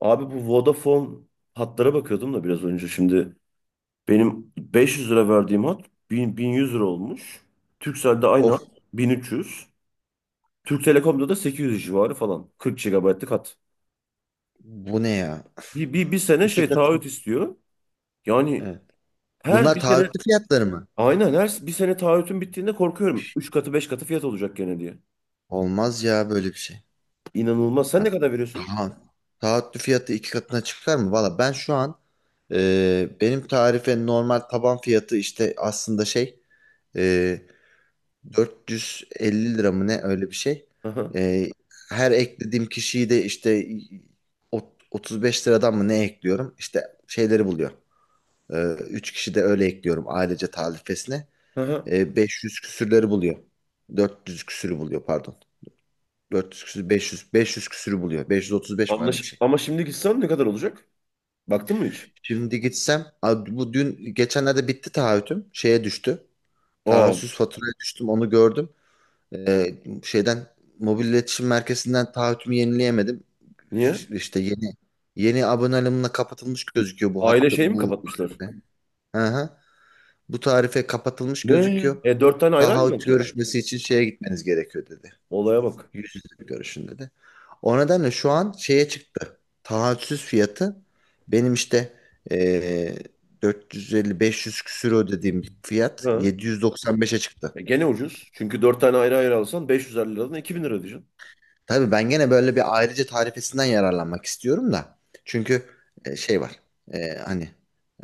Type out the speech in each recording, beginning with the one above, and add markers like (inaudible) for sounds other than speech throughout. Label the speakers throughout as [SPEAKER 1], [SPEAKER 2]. [SPEAKER 1] Abi bu Vodafone hatlara bakıyordum da biraz önce şimdi. Benim 500 lira verdiğim hat 1000, 1100 lira olmuş. Turkcell'de aynı hat
[SPEAKER 2] Of,
[SPEAKER 1] 1300. Türk Telekom'da da 800 civarı falan. 40 gigabaytlık hat.
[SPEAKER 2] bu ne ya?
[SPEAKER 1] Bir sene
[SPEAKER 2] İki
[SPEAKER 1] şey
[SPEAKER 2] kat.
[SPEAKER 1] taahhüt istiyor. Yani
[SPEAKER 2] Evet.
[SPEAKER 1] her
[SPEAKER 2] Bunlar
[SPEAKER 1] bir sene
[SPEAKER 2] taahhütlü fiyatları mı?
[SPEAKER 1] aynen her bir sene taahhütün bittiğinde korkuyorum. Üç katı 5 katı fiyat olacak gene diye.
[SPEAKER 2] Olmaz ya böyle bir şey.
[SPEAKER 1] İnanılmaz. Sen
[SPEAKER 2] Ya,
[SPEAKER 1] ne kadar veriyorsun?
[SPEAKER 2] tamam. Taahhütlü fiyatı iki katına çıkar mı? Valla ben şu an benim tarife normal taban fiyatı işte aslında e, 450 lira mı ne, öyle bir şey.
[SPEAKER 1] Aha,
[SPEAKER 2] E, her eklediğim kişiyi de işte 35 liradan mı ne ekliyorum? İşte şeyleri buluyor. E, 3 kişi de öyle ekliyorum ailece tarifesine.
[SPEAKER 1] aha.
[SPEAKER 2] 500 küsürleri buluyor. 400 küsürü buluyor, pardon. 400 küsür 500 küsürü buluyor. 535 mi, öyle bir şey.
[SPEAKER 1] Ama şimdi gitsem ne kadar olacak? Baktın mı hiç?
[SPEAKER 2] Şimdi gitsem bu dün geçenlerde bitti taahhütüm. Şeye düştü.
[SPEAKER 1] Aa,
[SPEAKER 2] Taahhütsüz faturaya düştüm, onu gördüm. E, şeyden, mobil iletişim merkezinden taahhütümü yenileyemedim.
[SPEAKER 1] niye?
[SPEAKER 2] İşte yeni aboneliğimle kapatılmış gözüküyor bu
[SPEAKER 1] Aile
[SPEAKER 2] hattı,
[SPEAKER 1] şeyi mi
[SPEAKER 2] bu
[SPEAKER 1] kapatmışlar?
[SPEAKER 2] tarife. Hı hı. Bu tarife kapatılmış
[SPEAKER 1] Ne?
[SPEAKER 2] gözüküyor.
[SPEAKER 1] E dört tane ayrı ayrı mı
[SPEAKER 2] Taahhüt
[SPEAKER 1] alacaksın?
[SPEAKER 2] görüşmesi için şeye gitmeniz gerekiyor dedi.
[SPEAKER 1] Olaya bak.
[SPEAKER 2] Yüz yüze görüşün dedi. O nedenle şu an şeye çıktı. Taahhütsüz fiyatı, benim işte eee 450-500 küsür ödediğim bir fiyat
[SPEAKER 1] Ha.
[SPEAKER 2] 795'e çıktı.
[SPEAKER 1] E, gene ucuz. Çünkü 4 tane ayrı ayrı alsan 550 liradan 2000 lira diyeceksin.
[SPEAKER 2] Tabii ben gene böyle bir ayrıca tarifesinden yararlanmak istiyorum da. Çünkü şey var. Hani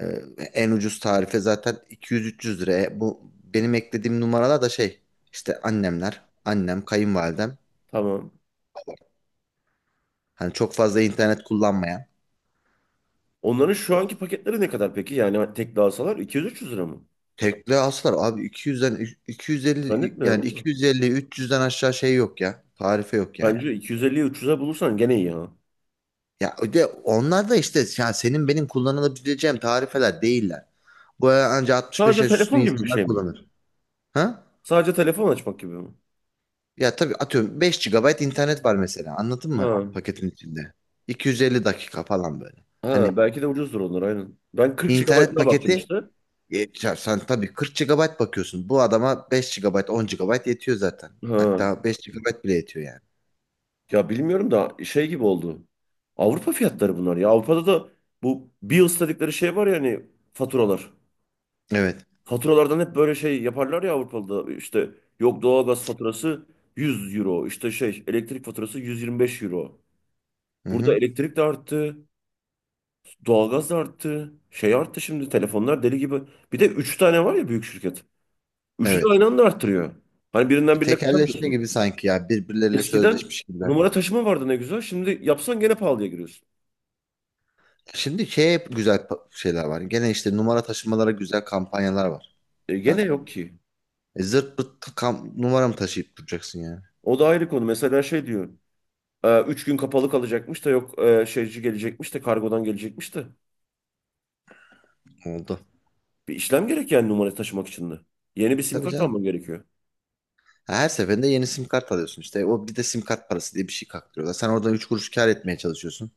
[SPEAKER 2] e, en ucuz tarife zaten 200-300 lira. Bu benim eklediğim numaralar da şey, işte annemler, annem, kayınvalidem.
[SPEAKER 1] Tamam.
[SPEAKER 2] Hani çok fazla internet kullanmayan.
[SPEAKER 1] Onların şu anki paketleri ne kadar peki? Yani tek alsalar 200-300 lira mı?
[SPEAKER 2] Tekle aslar abi 200'den 250,
[SPEAKER 1] Zannetmiyorum
[SPEAKER 2] yani
[SPEAKER 1] ama.
[SPEAKER 2] 250 300'den aşağı şey yok ya. Tarife yok yani.
[SPEAKER 1] Bence 250'yi 300'e bulursan gene iyi ha.
[SPEAKER 2] Ya o de onlar da işte, yani senin benim kullanılabileceğim tarifeler değiller. Bu ancak 65
[SPEAKER 1] Sadece
[SPEAKER 2] yaş üstü
[SPEAKER 1] telefon gibi bir
[SPEAKER 2] insanlar
[SPEAKER 1] şey mi?
[SPEAKER 2] kullanır. Ha?
[SPEAKER 1] Sadece telefon açmak gibi mi?
[SPEAKER 2] Ya tabii, atıyorum 5 gigabayt internet var mesela. Anladın mı
[SPEAKER 1] Ha.
[SPEAKER 2] paketin içinde? 250 dakika falan böyle. Hani
[SPEAKER 1] Ha belki de ucuzdur onlar aynen. Ben 40
[SPEAKER 2] internet
[SPEAKER 1] GB'ına baktım
[SPEAKER 2] paketi,
[SPEAKER 1] işte.
[SPEAKER 2] ya sen tabii 40 gigabayt bakıyorsun. Bu adama 5 gigabayt, 10 gigabayt yetiyor zaten.
[SPEAKER 1] Ha.
[SPEAKER 2] Hatta 5 gigabayt bile yetiyor yani.
[SPEAKER 1] Ya bilmiyorum da şey gibi oldu. Avrupa fiyatları bunlar ya. Avrupa'da da bu bills dedikleri şey var ya hani faturalar.
[SPEAKER 2] Evet.
[SPEAKER 1] Faturalardan hep böyle şey yaparlar ya Avrupa'da. İşte yok doğalgaz faturası 100 euro. İşte şey elektrik faturası 125 euro.
[SPEAKER 2] Hı
[SPEAKER 1] Burada
[SPEAKER 2] hı.
[SPEAKER 1] elektrik de arttı. Doğalgaz da arttı. Şey arttı şimdi telefonlar deli gibi. Bir de 3 tane var ya büyük şirket. Üçü de
[SPEAKER 2] Evet.
[SPEAKER 1] aynı anda arttırıyor. Hani birinden birine
[SPEAKER 2] Tekelleşme
[SPEAKER 1] kaçamıyorsun.
[SPEAKER 2] gibi sanki ya, birbirleriyle
[SPEAKER 1] Eskiden
[SPEAKER 2] sözleşmiş gibiler.
[SPEAKER 1] numara taşıma vardı ne güzel. Şimdi yapsan gene pahalıya giriyorsun.
[SPEAKER 2] Şimdi şey, şeyler var. Gene işte numara taşımalara güzel kampanyalar var.
[SPEAKER 1] E
[SPEAKER 2] Da
[SPEAKER 1] gene yok ki.
[SPEAKER 2] zırt pırt ta- kam numara mı taşıyıp duracaksın yani?
[SPEAKER 1] O da ayrı konu. Mesela şey diyor. 3 gün kapalı kalacakmış da yok şeyci gelecekmiş de kargodan gelecekmiş de.
[SPEAKER 2] Oldu.
[SPEAKER 1] Bir işlem gerek yani numara taşımak için de. Yeni bir sim
[SPEAKER 2] Tabii
[SPEAKER 1] kart
[SPEAKER 2] canım.
[SPEAKER 1] alman gerekiyor.
[SPEAKER 2] Ha, her seferinde yeni sim kart alıyorsun işte. O bir de sim kart parası diye bir şey kaktırıyorlar. Sen oradan 3 kuruş kar etmeye çalışıyorsun.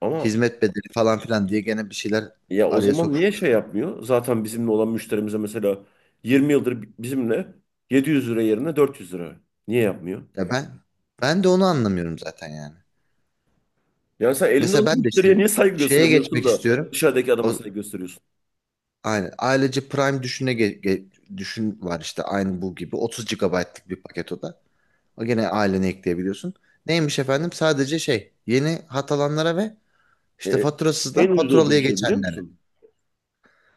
[SPEAKER 1] Ama
[SPEAKER 2] Hizmet bedeli falan filan diye gene bir şeyler
[SPEAKER 1] ya o
[SPEAKER 2] araya
[SPEAKER 1] zaman niye şey
[SPEAKER 2] sokuşturuyor.
[SPEAKER 1] yapmıyor? Zaten bizimle olan müşterimize mesela 20 yıldır bizimle 700 lira yerine 400 lira. Niye yapmıyor?
[SPEAKER 2] Ya ben de onu anlamıyorum zaten yani.
[SPEAKER 1] Yani sen elinde
[SPEAKER 2] Mesela
[SPEAKER 1] olan
[SPEAKER 2] ben de
[SPEAKER 1] müşteriye
[SPEAKER 2] işte
[SPEAKER 1] niye saygı
[SPEAKER 2] şeye
[SPEAKER 1] göstermiyorsun
[SPEAKER 2] geçmek
[SPEAKER 1] da
[SPEAKER 2] istiyorum.
[SPEAKER 1] dışarıdaki adama
[SPEAKER 2] O,
[SPEAKER 1] saygı gösteriyorsun?
[SPEAKER 2] aynen. Ailece Prime düşün var işte, aynı bu gibi 30 gigabaytlık bir paket o da. O gene ailene ekleyebiliyorsun. Neymiş efendim? Sadece şey, yeni hat alanlara ve işte
[SPEAKER 1] E, en
[SPEAKER 2] faturasızdan
[SPEAKER 1] ucuz
[SPEAKER 2] faturalıya
[SPEAKER 1] olduğum şey biliyor
[SPEAKER 2] geçenlere.
[SPEAKER 1] musun?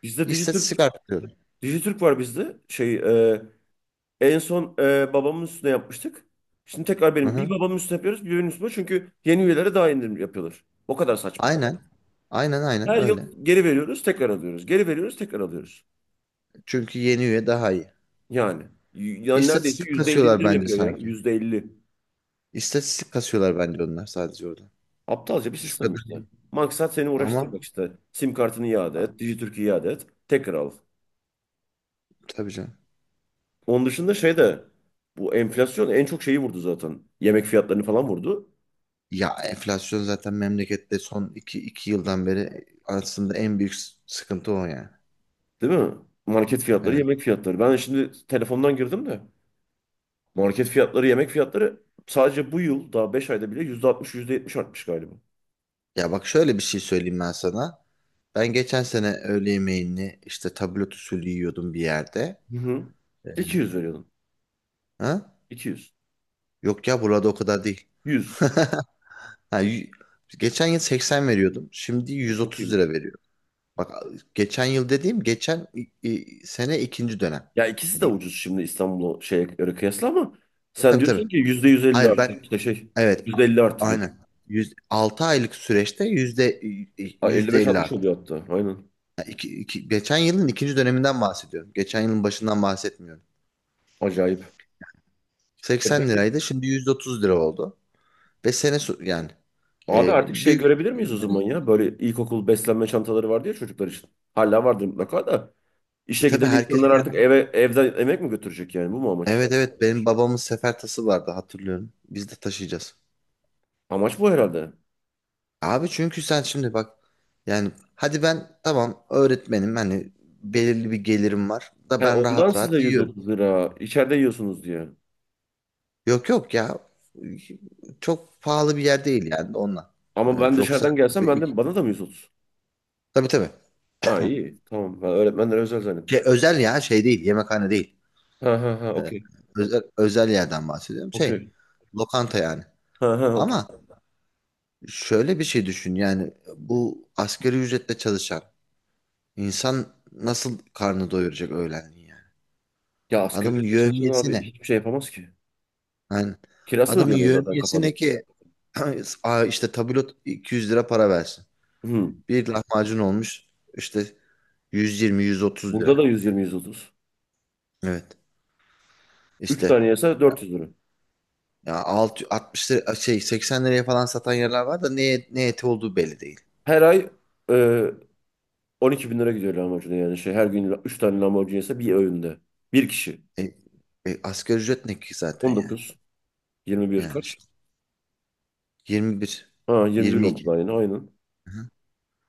[SPEAKER 1] Bizde Dijitürk,
[SPEAKER 2] İstatistik artırıyorum.
[SPEAKER 1] Dijitürk var bizde. Şey, e, en son babamın üstüne yapmıştık. Şimdi tekrar
[SPEAKER 2] Hı
[SPEAKER 1] benim. Bir
[SPEAKER 2] hı.
[SPEAKER 1] babamın üstüne yapıyoruz, bir benim üstüme. Çünkü yeni üyelere daha indirim yapıyorlar. O kadar saçma.
[SPEAKER 2] Aynen. Aynen
[SPEAKER 1] Her
[SPEAKER 2] öyle.
[SPEAKER 1] yıl geri veriyoruz, tekrar alıyoruz. Geri veriyoruz, tekrar alıyoruz.
[SPEAKER 2] Çünkü yeni üye daha iyi.
[SPEAKER 1] Yani. Yani neredeyse
[SPEAKER 2] İstatistik
[SPEAKER 1] %50
[SPEAKER 2] kasıyorlar
[SPEAKER 1] indirim
[SPEAKER 2] bence
[SPEAKER 1] yapıyor ya.
[SPEAKER 2] sanki.
[SPEAKER 1] %50.
[SPEAKER 2] İstatistik kasıyorlar bence onlar sadece orada.
[SPEAKER 1] Aptalca bir
[SPEAKER 2] Şu kadar.
[SPEAKER 1] sistem işte. Maksat seni
[SPEAKER 2] Ama
[SPEAKER 1] uğraştırmak işte. Sim kartını iade et, Dijitürk'ü iade et, tekrar al.
[SPEAKER 2] tabii canım.
[SPEAKER 1] Onun dışında şey de bu enflasyon en çok şeyi vurdu zaten. Yemek fiyatlarını falan vurdu.
[SPEAKER 2] Ya enflasyon zaten memlekette son iki yıldan beri aslında en büyük sıkıntı o yani.
[SPEAKER 1] Değil mi? Market fiyatları,
[SPEAKER 2] Evet.
[SPEAKER 1] yemek fiyatları. Ben şimdi telefondan girdim de. Market fiyatları, yemek fiyatları sadece bu yıl daha 5 ayda bile %60 yüzde yetmiş artmış galiba.
[SPEAKER 2] Ya bak, şöyle bir şey söyleyeyim ben sana. Ben geçen sene öğle yemeğini işte tablet usulü yiyordum bir yerde.
[SPEAKER 1] Hı hı.
[SPEAKER 2] Ee,
[SPEAKER 1] 200 veriyordun.
[SPEAKER 2] Ha?
[SPEAKER 1] İki yüz.
[SPEAKER 2] Yok ya, burada o kadar değil.
[SPEAKER 1] Yüz.
[SPEAKER 2] (laughs) Ha, y- geçen yıl 80 veriyordum. Şimdi
[SPEAKER 1] Çok
[SPEAKER 2] 130 lira
[SPEAKER 1] iyiymiş.
[SPEAKER 2] veriyorum. Bak, geçen yıl dediğim geçen sene ikinci dönem
[SPEAKER 1] Ya ikisi de
[SPEAKER 2] diyeyim.
[SPEAKER 1] ucuz şimdi İstanbul'a şeye göre kıyasla ama sen, evet,
[SPEAKER 2] Tabii tabii.
[SPEAKER 1] diyorsun ki %150
[SPEAKER 2] Hayır
[SPEAKER 1] arttı
[SPEAKER 2] ben
[SPEAKER 1] işte şey
[SPEAKER 2] evet
[SPEAKER 1] %50
[SPEAKER 2] a-
[SPEAKER 1] arttı diyor.
[SPEAKER 2] aynen. 6 aylık süreçte yüzde
[SPEAKER 1] Ha, elli
[SPEAKER 2] yüzde
[SPEAKER 1] beş
[SPEAKER 2] 50
[SPEAKER 1] altmış
[SPEAKER 2] arttı.
[SPEAKER 1] oluyor hatta. Aynen.
[SPEAKER 2] Yani geçen yılın ikinci döneminden bahsediyorum. Geçen yılın başından bahsetmiyorum.
[SPEAKER 1] Acayip. E
[SPEAKER 2] 80
[SPEAKER 1] peki
[SPEAKER 2] liraydı, şimdi 130 lira oldu. Ve yani
[SPEAKER 1] abi
[SPEAKER 2] e,
[SPEAKER 1] artık şey
[SPEAKER 2] büyük.
[SPEAKER 1] görebilir miyiz o zaman ya? Böyle ilkokul beslenme çantaları vardı ya çocuklar için. Hala vardır mutlaka da. İşe
[SPEAKER 2] Tabii
[SPEAKER 1] giden
[SPEAKER 2] herkes
[SPEAKER 1] insanlar
[SPEAKER 2] kendi.
[SPEAKER 1] artık evden yemek mi götürecek yani? Bu mu amaç?
[SPEAKER 2] Evet, benim babamın sefer tası vardı, hatırlıyorum. Biz de taşıyacağız.
[SPEAKER 1] Amaç bu herhalde.
[SPEAKER 2] Abi çünkü sen şimdi bak, yani hadi ben tamam öğretmenim hani, belirli bir gelirim var da
[SPEAKER 1] He,
[SPEAKER 2] ben
[SPEAKER 1] ondan
[SPEAKER 2] rahat
[SPEAKER 1] size
[SPEAKER 2] rahat yiyorum.
[SPEAKER 1] 130 lira. İçeride yiyorsunuz diye.
[SPEAKER 2] Yok yok ya. Çok pahalı bir yer değil yani onunla.
[SPEAKER 1] Ama ben
[SPEAKER 2] Evet, yoksa
[SPEAKER 1] dışarıdan gelsem ben
[SPEAKER 2] tabii
[SPEAKER 1] de bana da mı 130?
[SPEAKER 2] tabii.
[SPEAKER 1] Ha iyi. Tamam. Ben öğretmenlere özel zannettim.
[SPEAKER 2] Şey, özel ya şey değil, yemekhane değil.
[SPEAKER 1] Ha ha ha
[SPEAKER 2] Ee,
[SPEAKER 1] okey.
[SPEAKER 2] özel, özel yerden bahsediyorum. Şey,
[SPEAKER 1] Okey.
[SPEAKER 2] lokanta yani.
[SPEAKER 1] Ha ha okey.
[SPEAKER 2] Ama şöyle bir şey düşün, yani bu asgari ücretle çalışan insan nasıl karnı doyuracak öğlenliği yani.
[SPEAKER 1] Ya asgari
[SPEAKER 2] Adamın
[SPEAKER 1] ücretle çalışan
[SPEAKER 2] yevmiyesi
[SPEAKER 1] abi
[SPEAKER 2] ne?
[SPEAKER 1] hiçbir şey yapamaz ki.
[SPEAKER 2] Yani
[SPEAKER 1] Kirasını
[SPEAKER 2] adamın
[SPEAKER 1] ödeyemiyor zaten
[SPEAKER 2] yevmiyesi ne
[SPEAKER 1] kafadan.
[SPEAKER 2] ki? (clears throat) Aa, işte tabulot 200 lira para versin.
[SPEAKER 1] Hı.
[SPEAKER 2] Bir lahmacun olmuş işte 120-130
[SPEAKER 1] Burada
[SPEAKER 2] lira.
[SPEAKER 1] da 120-130.
[SPEAKER 2] Evet.
[SPEAKER 1] 3
[SPEAKER 2] İşte
[SPEAKER 1] tane yese 400 lira.
[SPEAKER 2] ya 6 60 lira, şey 80 liraya falan satan yerler var da ne eti olduğu belli değil.
[SPEAKER 1] Her ay e, 12 bin lira gidiyor lahmacuna yani. Şey, her gün 3 tane lahmacun yese bir öğünde. Bir kişi.
[SPEAKER 2] E, asgari ücret ne ki zaten yani.
[SPEAKER 1] 19. 21
[SPEAKER 2] Yani
[SPEAKER 1] kaç?
[SPEAKER 2] işte 21,
[SPEAKER 1] Ha 21 oldu
[SPEAKER 2] 22.
[SPEAKER 1] da aynı. Aynen.
[SPEAKER 2] Hı-hı.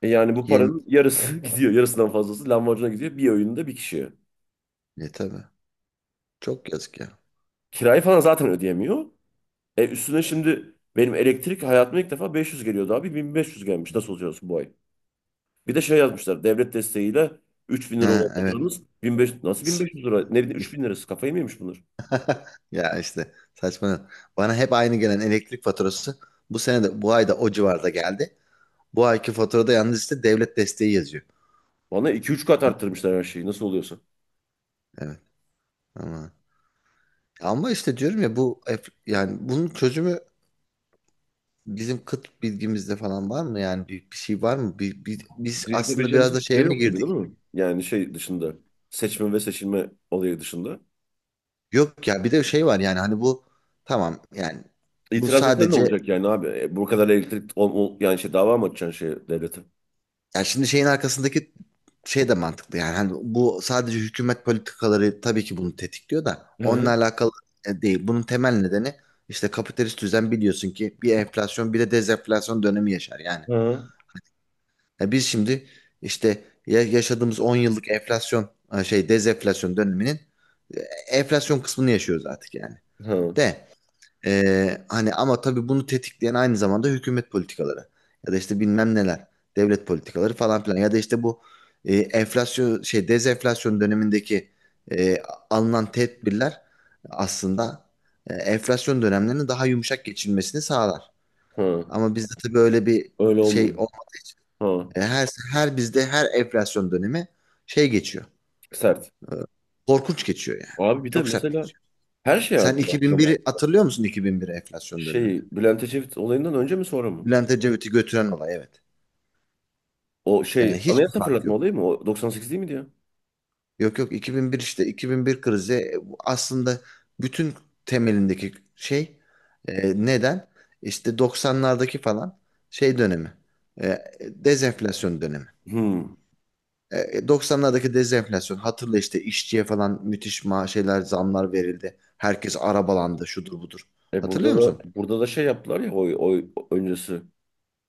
[SPEAKER 1] E yani bu
[SPEAKER 2] 20
[SPEAKER 1] paranın yarısı (laughs) gidiyor. Yarısından fazlası lahmacuna gidiyor. Bir öğünde bir kişiye.
[SPEAKER 2] ne, tabii. Çok yazık ya.
[SPEAKER 1] Kirayı falan zaten ödeyemiyor. E üstüne şimdi benim elektrik hayatıma ilk defa 500 geliyordu abi. 1500 gelmiş. Nasıl olacağız bu ay? Bir de şey yazmışlar. Devlet desteğiyle 3000 lira olan
[SPEAKER 2] Ha evet.
[SPEAKER 1] faturanız 1500, nasıl 1500 lira? Ne bileyim 3000 lirası. Kafayı mı yemiş bunlar?
[SPEAKER 2] (laughs) Ya işte saçma. Bana hep aynı gelen elektrik faturası bu sene de bu ayda o civarda geldi. Bu ayki faturada yalnız işte devlet desteği yazıyor.
[SPEAKER 1] Bana 2-3 kat arttırmışlar her şeyi. Nasıl oluyorsa.
[SPEAKER 2] Evet. Ama, ama işte diyorum ya bu yani bunun çözümü bizim kıt bilgimizde falan var mı? Yani bir şey var mı? Biz
[SPEAKER 1] Bizim
[SPEAKER 2] aslında
[SPEAKER 1] yapabileceğimiz
[SPEAKER 2] biraz da
[SPEAKER 1] hiçbir şey
[SPEAKER 2] şeye mi
[SPEAKER 1] yok gibi değil
[SPEAKER 2] girdik?
[SPEAKER 1] mi? Yani şey dışında. Seçme ve seçilme olayı dışında.
[SPEAKER 2] Yok ya, bir de şey var yani hani bu, tamam yani bu
[SPEAKER 1] İtiraz etsen ne
[SPEAKER 2] sadece,
[SPEAKER 1] olacak yani abi? E, bu kadar elektrik yani şey dava mı açacaksın şey devlete?
[SPEAKER 2] yani şimdi şeyin arkasındaki şey de mantıklı, yani hani bu sadece hükümet politikaları tabii ki bunu tetikliyor da
[SPEAKER 1] Hı
[SPEAKER 2] onunla
[SPEAKER 1] hı
[SPEAKER 2] alakalı değil. Bunun temel nedeni işte kapitalist düzen, biliyorsun ki bir enflasyon bir de dezenflasyon dönemi yaşar yani.
[SPEAKER 1] hı
[SPEAKER 2] Ya biz şimdi işte yaşadığımız 10 yıllık enflasyon ha şey dezenflasyon döneminin e, enflasyon kısmını yaşıyoruz artık yani.
[SPEAKER 1] hı.
[SPEAKER 2] De hani ama tabii bunu tetikleyen aynı zamanda hükümet politikaları ya da işte bilmem neler, devlet politikaları falan filan, ya da işte bu enflasyon şey dezenflasyon dönemindeki e, alınan tedbirler aslında enflasyon dönemlerinin daha yumuşak geçilmesini sağlar.
[SPEAKER 1] Hı.
[SPEAKER 2] Ama bizde tabii öyle bir
[SPEAKER 1] Öyle
[SPEAKER 2] şey
[SPEAKER 1] olmuyor.
[SPEAKER 2] olmadı.
[SPEAKER 1] Hı.
[SPEAKER 2] Her bizde her enflasyon dönemi şey geçiyor.
[SPEAKER 1] Sert.
[SPEAKER 2] Korkunç geçiyor yani.
[SPEAKER 1] Abi bir de
[SPEAKER 2] Çok sert
[SPEAKER 1] mesela
[SPEAKER 2] geçiyor.
[SPEAKER 1] her şey
[SPEAKER 2] Sen
[SPEAKER 1] artıyor aslında bu.
[SPEAKER 2] 2001'i hatırlıyor musun, 2001 enflasyon dönemini?
[SPEAKER 1] Şey Bülent Ecevit olayından önce mi sonra mı?
[SPEAKER 2] Bülent Ecevit'i götüren olay, evet.
[SPEAKER 1] O şey
[SPEAKER 2] Yani hiçbir
[SPEAKER 1] anayasa
[SPEAKER 2] fark
[SPEAKER 1] fırlatma
[SPEAKER 2] yok.
[SPEAKER 1] olayı mı? O 98 değil miydi ya?
[SPEAKER 2] Yok yok, 2001, işte 2001 krizi, bu aslında bütün temelindeki şey neden? İşte 90'lardaki falan şey dönemi. Dezenflasyon dönemi.
[SPEAKER 1] Hmm.
[SPEAKER 2] 90'lardaki dezenflasyon, hatırla, işte işçiye falan müthiş şeyler, zamlar verildi. Herkes arabalandı, şudur budur.
[SPEAKER 1] E burada
[SPEAKER 2] Hatırlıyor musun?
[SPEAKER 1] da burada da şey yaptılar ya oy öncesi.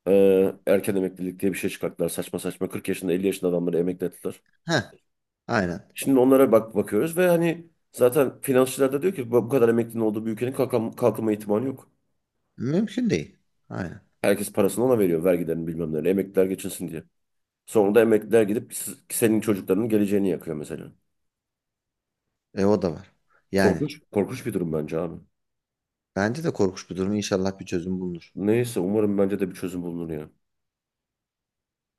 [SPEAKER 1] Erken emeklilik diye bir şey çıkarttılar. Saçma saçma 40 yaşında 50 yaşında adamları emekli ettiler.
[SPEAKER 2] Heh, aynen.
[SPEAKER 1] Şimdi onlara bakıyoruz ve hani zaten finansçılar da diyor ki bu kadar emeklinin olduğu bir ülkenin kalkınma ihtimali yok.
[SPEAKER 2] Mümkün değil. Aynen.
[SPEAKER 1] Herkes parasını ona veriyor vergilerini bilmem neleri emekliler geçinsin diye. Sonra da emekliler gidip senin çocuklarının geleceğini yakıyor mesela.
[SPEAKER 2] E o da var. Yani
[SPEAKER 1] Korkunç, korkunç bir durum bence abi.
[SPEAKER 2] bence de korkunç bir durum. İnşallah bir çözüm bulunur.
[SPEAKER 1] Neyse umarım bence de bir çözüm bulunur ya.